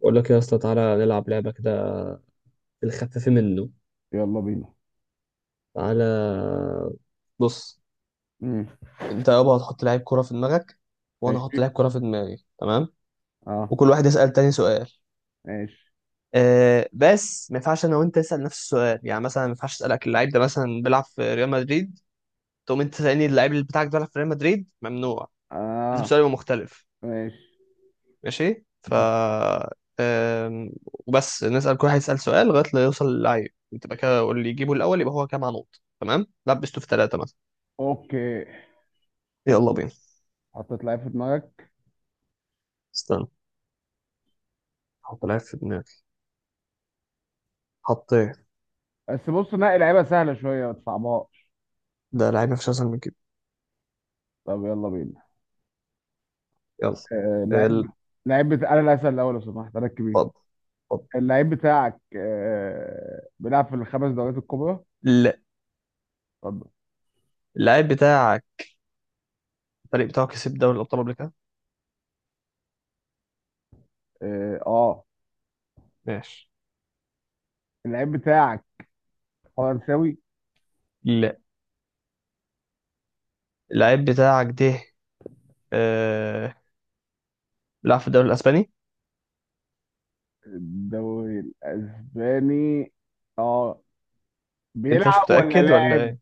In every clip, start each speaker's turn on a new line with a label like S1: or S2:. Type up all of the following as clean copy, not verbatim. S1: بقول لك يا اسطى تعالى نلعب لعبة كده في الخفيف منه.
S2: يلا بينا.
S1: تعالى بص.
S2: امم.
S1: انت يابا هتحط لعيب كرة في دماغك وانا هحط
S2: ماشي.
S1: لعيب كرة في دماغي، تمام؟
S2: اه.
S1: وكل واحد يسأل تاني سؤال.
S2: ماشي.
S1: أه بس ما ينفعش انا وانت نسأل نفس السؤال، يعني مثلا ما ينفعش اسألك اللاعب ده مثلا بيلعب في ريال مدريد تقوم انت تسألني اللاعب اللي بتاعك ده بيلعب في ريال مدريد، ممنوع. لازم
S2: اه.
S1: سؤال يبقى مختلف.
S2: ماشي.
S1: ماشي، ف أم، وبس نسأل، كل واحد يسأل سؤال لغاية ما يوصل للعيب انت بقى كده، واللي يجيبه الأول يبقى هو كام نقط. تمام، لبسته في ثلاثة.
S2: اوكي.
S1: يلا بينا.
S2: حطيت لعيب في دماغك.
S1: استنى، حط لعيب في دماغي. حطيت.
S2: بس بص نقي لعيبه سهله شويه ما تصعبهاش.
S1: ده لعيب مفيش اسهل من كده.
S2: طب يلا بينا.
S1: يلا. ال-
S2: اللعيب بتاع انا اللي هسأل الاول لو سمحت ركب ايه.
S1: اتفضل، اتفضل.
S2: اللعيب بتاعك بيلعب في الخمس دوريات الكبرى؟
S1: لا.
S2: اتفضل.
S1: اللعيب بتاعك الفريق بتاعه كسب دوري الابطال قبل كده.
S2: اه. آه.
S1: ماشي.
S2: اللعيب بتاعك فرنساوي؟
S1: لا، اللعيب بتاعك ده آه... بيلعب في الدوري الاسباني.
S2: الدوري الاسباني. اه.
S1: انت مش
S2: بيلعب ولا
S1: متاكد ولا
S2: لاعب؟
S1: ايه؟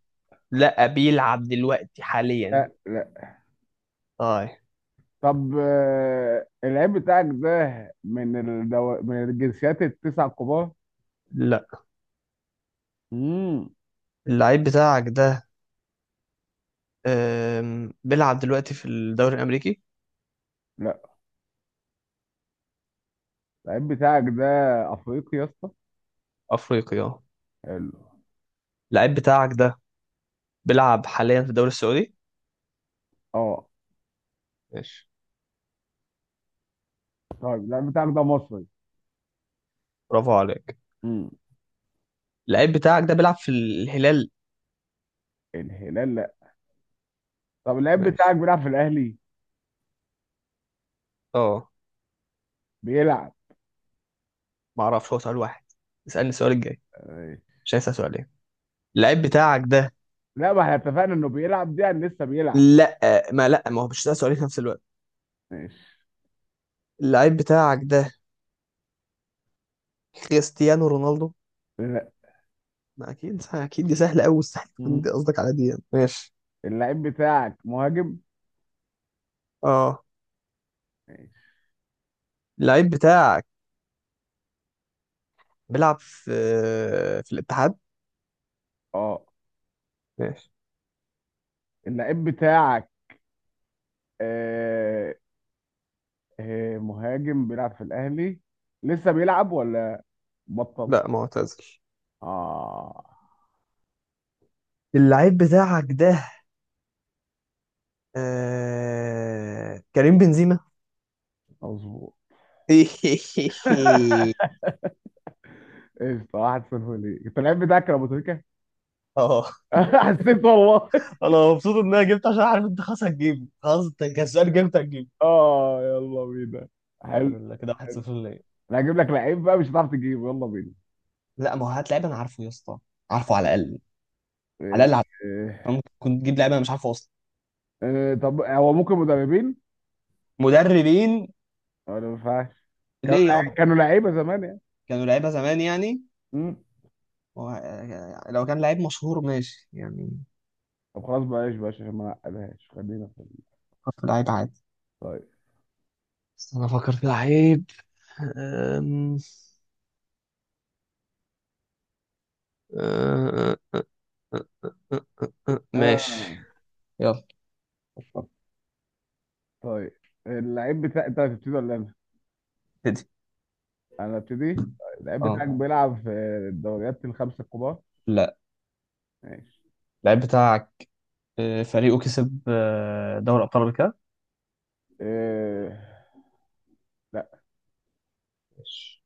S1: لا، بيلعب دلوقتي حاليا.
S2: لا.
S1: طيب.
S2: طب اللعيب بتاعك ده من من الجنسيات التسع الكبار؟
S1: لا،
S2: امم.
S1: اللعيب بتاعك ده بيلعب دلوقتي في الدوري الامريكي.
S2: لا. اللعيب بتاعك ده افريقي يا اسطى؟
S1: افريقي، اه.
S2: حلو.
S1: اللعيب بتاعك ده بيلعب حاليا في الدوري السعودي.
S2: اه.
S1: ماشي.
S2: طيب، اللعيب بتاعك ده مصري؟
S1: برافو عليك.
S2: امم.
S1: اللعيب بتاعك ده بيلعب في الهلال.
S2: الهلال لا. طب اللعيب بتاعك
S1: ماشي.
S2: بيلعب في الاهلي؟
S1: اه،
S2: بيلعب.
S1: ما اعرفش، هو سؤال واحد، اسألني السؤال الجاي،
S2: ماشي.
S1: مش هيسأل سؤالين. اللعيب بتاعك ده،
S2: لا، ما احنا اتفقنا انه بيلعب دي يعني لسه بيلعب.
S1: لا، ما هو مش هيسأل سؤالين في نفس الوقت.
S2: ماشي.
S1: اللعيب بتاعك ده كريستيانو رونالدو؟
S2: لا.
S1: ما اكيد اكيد دي سهلة قوي، مستحيل تكون
S2: امم.
S1: دي قصدك على دي يعني. ماشي.
S2: اللعيب بتاعك مهاجم؟
S1: اه.
S2: ماشي.
S1: اللعيب بتاعك بيلعب في الاتحاد.
S2: اه.
S1: ماشي.
S2: اللعيب بتاعك آه... مهاجم بيلعب في الاهلي؟ لسه بيلعب ولا بطل؟
S1: لا، معتزل.
S2: اه.
S1: اللعيب بتاعك ده كريم بنزيما.
S2: مظبوط. ايش واحد صفر ليه؟ انت اللعيب بتاعك يا ابو تريكه.
S1: اه،
S2: حسيت والله.
S1: انا مبسوط ان انا جبت، عشان عارف انت خلاص هتجيبه، خلاص انت كسبان جبت هتجيبه.
S2: اه يلا بينا.
S1: الحمد
S2: حلو.
S1: لله كده 1-0 ليا.
S2: انا هجيب لك لعيب بقى مش هتعرف تجيبه. يلا بينا.
S1: لا، ما هو هات لعيب انا عارفه يا اسطى، عارفه على الاقل، على
S2: إيه.
S1: الاقل عارفه. أنا
S2: إيه.
S1: ممكن كنت تجيب لعيب انا مش عارفه اصلا.
S2: إيه، طب هو ممكن مدربين
S1: مدربين؟
S2: ولا ما ينفعش؟
S1: ليه يابا،
S2: كانوا لعيبه زمان يعني.
S1: كانوا لعيبه زمان يعني.
S2: مم.
S1: و... لو كان لعيب مشهور ماشي يعني.
S2: طب خلاص بلاش بلاش عشان ما نعقدهاش. خلينا.
S1: فكر في لعيب عادي.
S2: طيب.
S1: بس انا افكر في لعيب. أم- أه- أه- أه- ماشي.
S2: آه.
S1: يلا.
S2: طيب، اللعيب بتاع انت هتبتدي ولا انا؟
S1: ابتدي.
S2: انا ابتدي. اللعيب
S1: اه.
S2: بتاعك بيلعب في الدوريات الخمسه الكبار؟
S1: لا.
S2: ماشي.
S1: اللعيب بتاعك فريقه كسب دوري ابطال افريقيا.
S2: آه، لا.
S1: ماشي.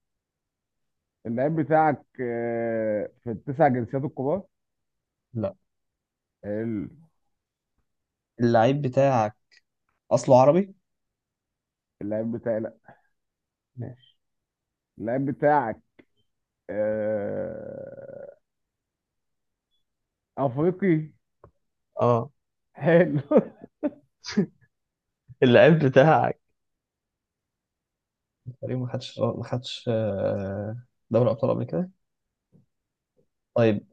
S2: اللعيب بتاعك في التسع جنسيات الكبار؟
S1: لا.
S2: ال-
S1: اللعيب بتاعك اصله عربي.
S2: اللعيب بتاعي لا.
S1: ماشي.
S2: اللعيب بتاعك آه، افريقي؟
S1: اه.
S2: حلو.
S1: اللعيب بتاعك تقريبا ما خدش دوري ابطال قبل كده. طيب.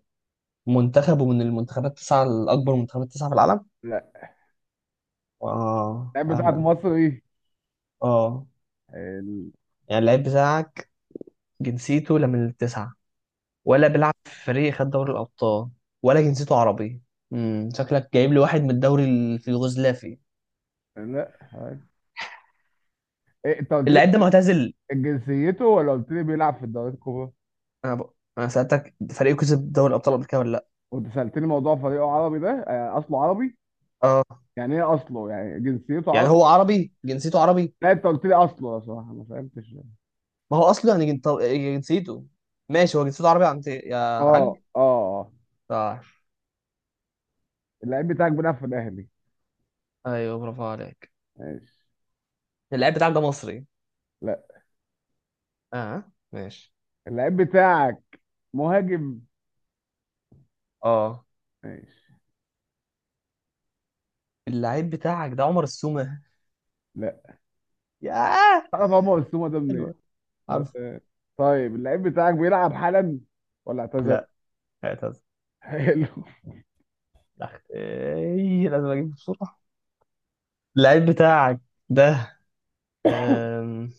S1: منتخبه من المنتخبات التسعه الاكبر، منتخبات التسعه في العالم.
S2: لا.
S1: اه،
S2: اللعيب بتاعك
S1: اهلا.
S2: مصري؟
S1: اه،
S2: حلو.
S1: يعني اللعيب بتاعك جنسيته لا من التسعه، ولا بيلعب في فريق خد دوري الابطال، ولا جنسيته عربي. امم، شكلك جايب لي واحد من الدوري في اليوغوسلافي.
S2: لا. حلو. إيه؟ انت قلت لي
S1: اللعيب ده معتزل.
S2: جنسيته ولا قلت لي بيلعب في الدوريات الكبرى؟
S1: انا ب... انا سالتك فريقه كسب دوري الابطال قبل كده ولا لا.
S2: وانت سألتني موضوع فريقه عربي، ده اصله عربي.
S1: اه،
S2: يعني ايه اصله؟ يعني جنسيته
S1: يعني هو
S2: عربي؟
S1: عربي جنسيته عربي.
S2: لا، انت قلت لي اصله، لو صراحة ما فهمتش.
S1: ما هو اصله يعني جنسيته. ماشي، هو جنسيته عربي، عند
S2: اه.
S1: يا حاج.
S2: اه آه.
S1: صح.
S2: اللعيب بتاعك بيلعب في الاهلي؟
S1: ايوه برافو عليك.
S2: ماشي.
S1: اللعيب بتاعك ده مصري.
S2: لا.
S1: اه ماشي.
S2: اللعيب بتاعك مهاجم؟
S1: اه.
S2: ماشي.
S1: اللعيب بتاعك ده عمر السومة؟
S2: لا.
S1: ياه
S2: تعرف عمر السومه ده منين؟
S1: حلوة. عارف.
S2: تمام. طيب اللعيب بتاعك بيلعب حالا ولا اعتزل؟
S1: لا اعتذر.
S2: حلو.
S1: لا ايه، لازم اجيب بسرعة. اللعيب بتاعك ده أم...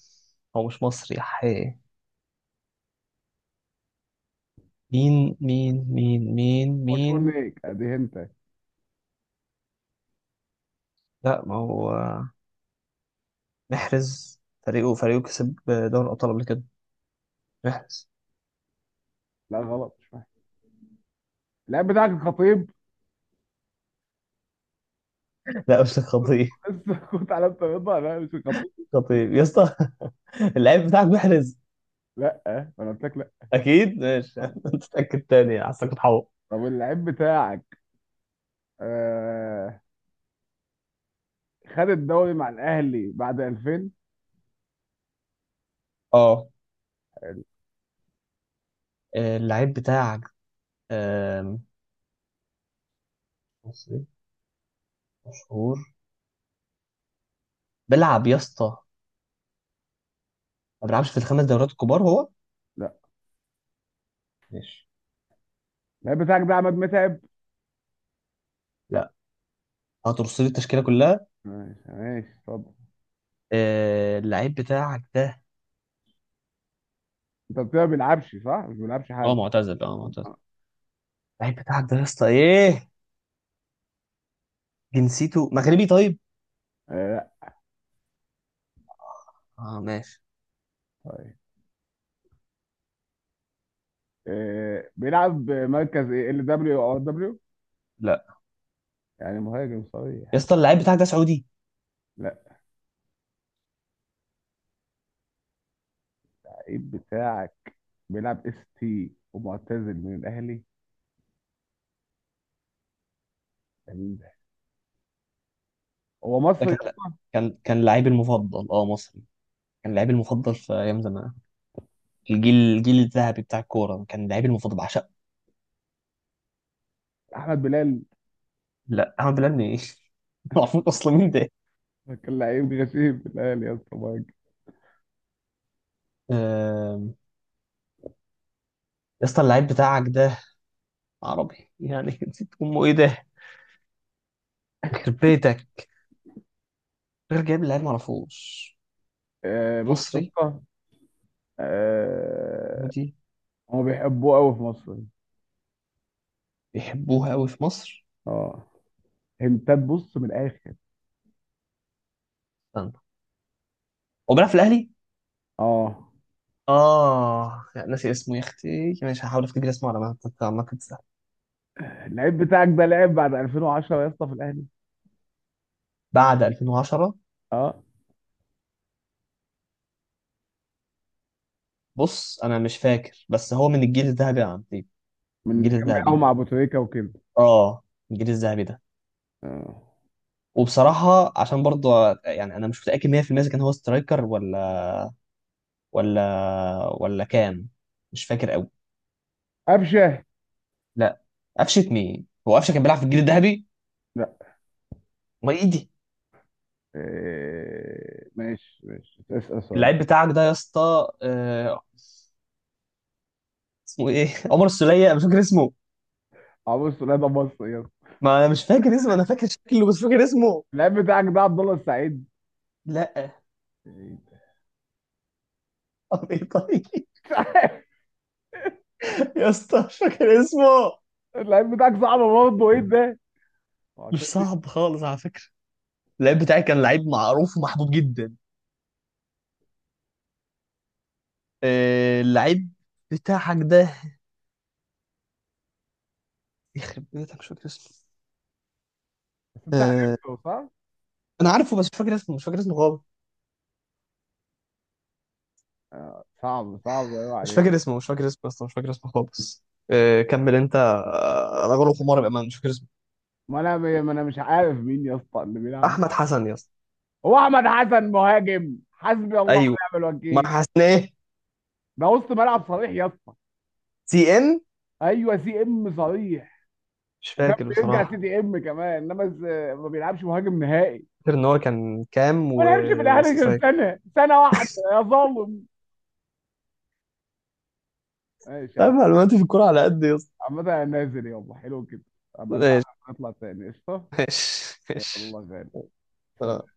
S1: هو مش مصري يا حي. مين؟
S2: مشهور ليك ادي انت.
S1: لا، ما هو محرز. فريقه كسب دوري الابطال قبل كده، محرز.
S2: لا غلط مش فاهم. اللعيب بتاعك الخطيب.
S1: لا مش خطيب،
S2: لسه كنت على الطريقه، لا مش الخطيب.
S1: خطيب يا اسطى. اللعيب بتاعك محرز.
S2: لا، انا قلت لك لا.
S1: اكيد ماشي. انت تتاكد تاني، حاسسك بتحور.
S2: طب اللعيب بتاعك آه خد الدوري مع الاهلي بعد 2000؟
S1: اه. اللعيب بتاعك آم، مصري مشهور بيلعب يا اسطى، ما بيلعبش في الخمس دوريات الكبار هو.
S2: لا.
S1: ماشي.
S2: اللعيب بتاعك ده عماد متعب؟
S1: لا، هترص لي التشكيله كلها.
S2: ماشي ماشي اتفضل.
S1: اللعيب بتاعك ده،
S2: انت قلت لي ما بيلعبش، صح؟ مش بيلعبش
S1: اه
S2: حالا؟
S1: معتزل اه معتزل. اللعيب بتاعك ده يا اسطى ايه، جنسيته مغربي طيب.
S2: لا.
S1: اه ماشي.
S2: طيب. بيلعب مركز ايه، ال دبليو او دبليو؟
S1: لا.
S2: يعني مهاجم
S1: يا
S2: صريح؟
S1: اسطى اللعيب بتاعك ده سعودي؟
S2: لا. اللعيب بتاعك بيلعب اس تي ومعتزل من الاهلي. ده مين ده؟ هو
S1: ده
S2: مصري يا
S1: كان،
S2: اسطى.
S1: كان لعيبي المفضل، اه مصري، كان لعيبي المفضل في ايام زمان، الجيل الذهبي بتاع الكوره، كان لعيبي المفضل، بعشقه.
S2: احمد بلال.
S1: لا احمد بلال ايه. معرفوش اصلا مين ده.
S2: كان لعيب غشيم في الاهلي يا اسطى، مهاجم.
S1: آم، يا اسطى اللعيب بتاعك ده عربي يعني، نسيت امه ايه ده، يخرب بيتك، غير جايب لعيب معرفوش.
S2: آه، بص يا
S1: مصري.
S2: اسطى. آه،
S1: ودي
S2: هما بيحبوه قوي في مصر.
S1: بيحبوها قوي في مصر.
S2: اه. هنتات بص من الاخر.
S1: استنى، هو بيلعب في الاهلي.
S2: اه.
S1: اه لا، ناسي اسمه يا اختي، ماشي هحاول افتكر اسمه على ما تنسى.
S2: اللعيب بتاعك ده لعب بعد 2010 يا اسطى في الاهلي؟
S1: بعد 2010.
S2: اه.
S1: بص انا مش فاكر، بس هو من الجيل الذهبي يا عبدي،
S2: من اللي
S1: الجيل
S2: كان بيلعبوا
S1: الذهبي،
S2: مع ابو تريكه وكده.
S1: اه، الجيل الذهبي ده.
S2: اه.
S1: وبصراحة عشان برضه يعني انا مش متأكد 100% اذا كان هو سترايكر ولا ولا كام. مش فاكر قوي.
S2: قفشه.
S1: لا، قفشة مين، هو قفشة كان بيلعب في الجيل الذهبي؟
S2: لا.
S1: ما ايه دي.
S2: إيه، ماشي ماشي اسأل سؤال.
S1: اللعيب بتاعك ده يا اسطى اسمه ايه، عمر السولية، أنا مش فاكر اسمه.
S2: عمرو سوليه ده مصري يلا.
S1: ما انا مش فاكر اسمه، انا فاكر شكله بس مش فاكر اسمه.
S2: اللعيب بتاعك ده عبد الله السعيد؟
S1: لا.
S2: مش
S1: طب ايه طيب.
S2: عارف.
S1: يا اسطى مش فاكر اسمه.
S2: اللعيب بتاعك صعب برضه، ايه ده؟
S1: مش
S2: معتزل.
S1: صعب خالص على فكرة، اللعيب بتاعي كان لعيب معروف ومحبوب جدا. اللعيب بتاعك ده يخرب بيتك، مش فاكر اسمه.
S2: بس انت
S1: آه،
S2: عرفته صح؟
S1: انا عارفه بس مش فاكر اسمه، مش فاكر اسمه خالص،
S2: آه، صعب صعب ايوه
S1: مش
S2: عليك.
S1: فاكر اسمه، مش فاكر اسمه اصلا، مش فاكر اسمه خالص. كمل انت انا غلط، حمار بامان، مش فاكر اسمه.
S2: ما انا مش عارف مين يا اسطى اللي بيلعب.
S1: احمد حسن يا اسطى.
S2: هو احمد حسن مهاجم؟ حسبي الله
S1: ايوه.
S2: ونعم
S1: ما
S2: الوكيل.
S1: حسن ايه.
S2: ده وسط ملعب صريح يا اسطى.
S1: سي ام.
S2: ايوه سي ام صريح.
S1: مش
S2: وكان
S1: فاكر
S2: بيرجع سي
S1: بصراحه.
S2: دي ام كمان، انما ما بيلعبش مهاجم نهائي.
S1: فاكر ان هو كان كام
S2: وانا همشي في الاهلي غير
S1: وسترايك.
S2: سنه سنه واحده يا ظالم. ماشي يا عم.
S1: طيب معلوماتي في الكوره على قد يا اسطى.
S2: عامة انا نازل، يلا حلو كده. ابقى نلعب.
S1: ماشي،
S2: نطلع تاني قشطه.
S1: ماشي،
S2: يلا
S1: ماشي.
S2: غالي.
S1: آه.
S2: سلام.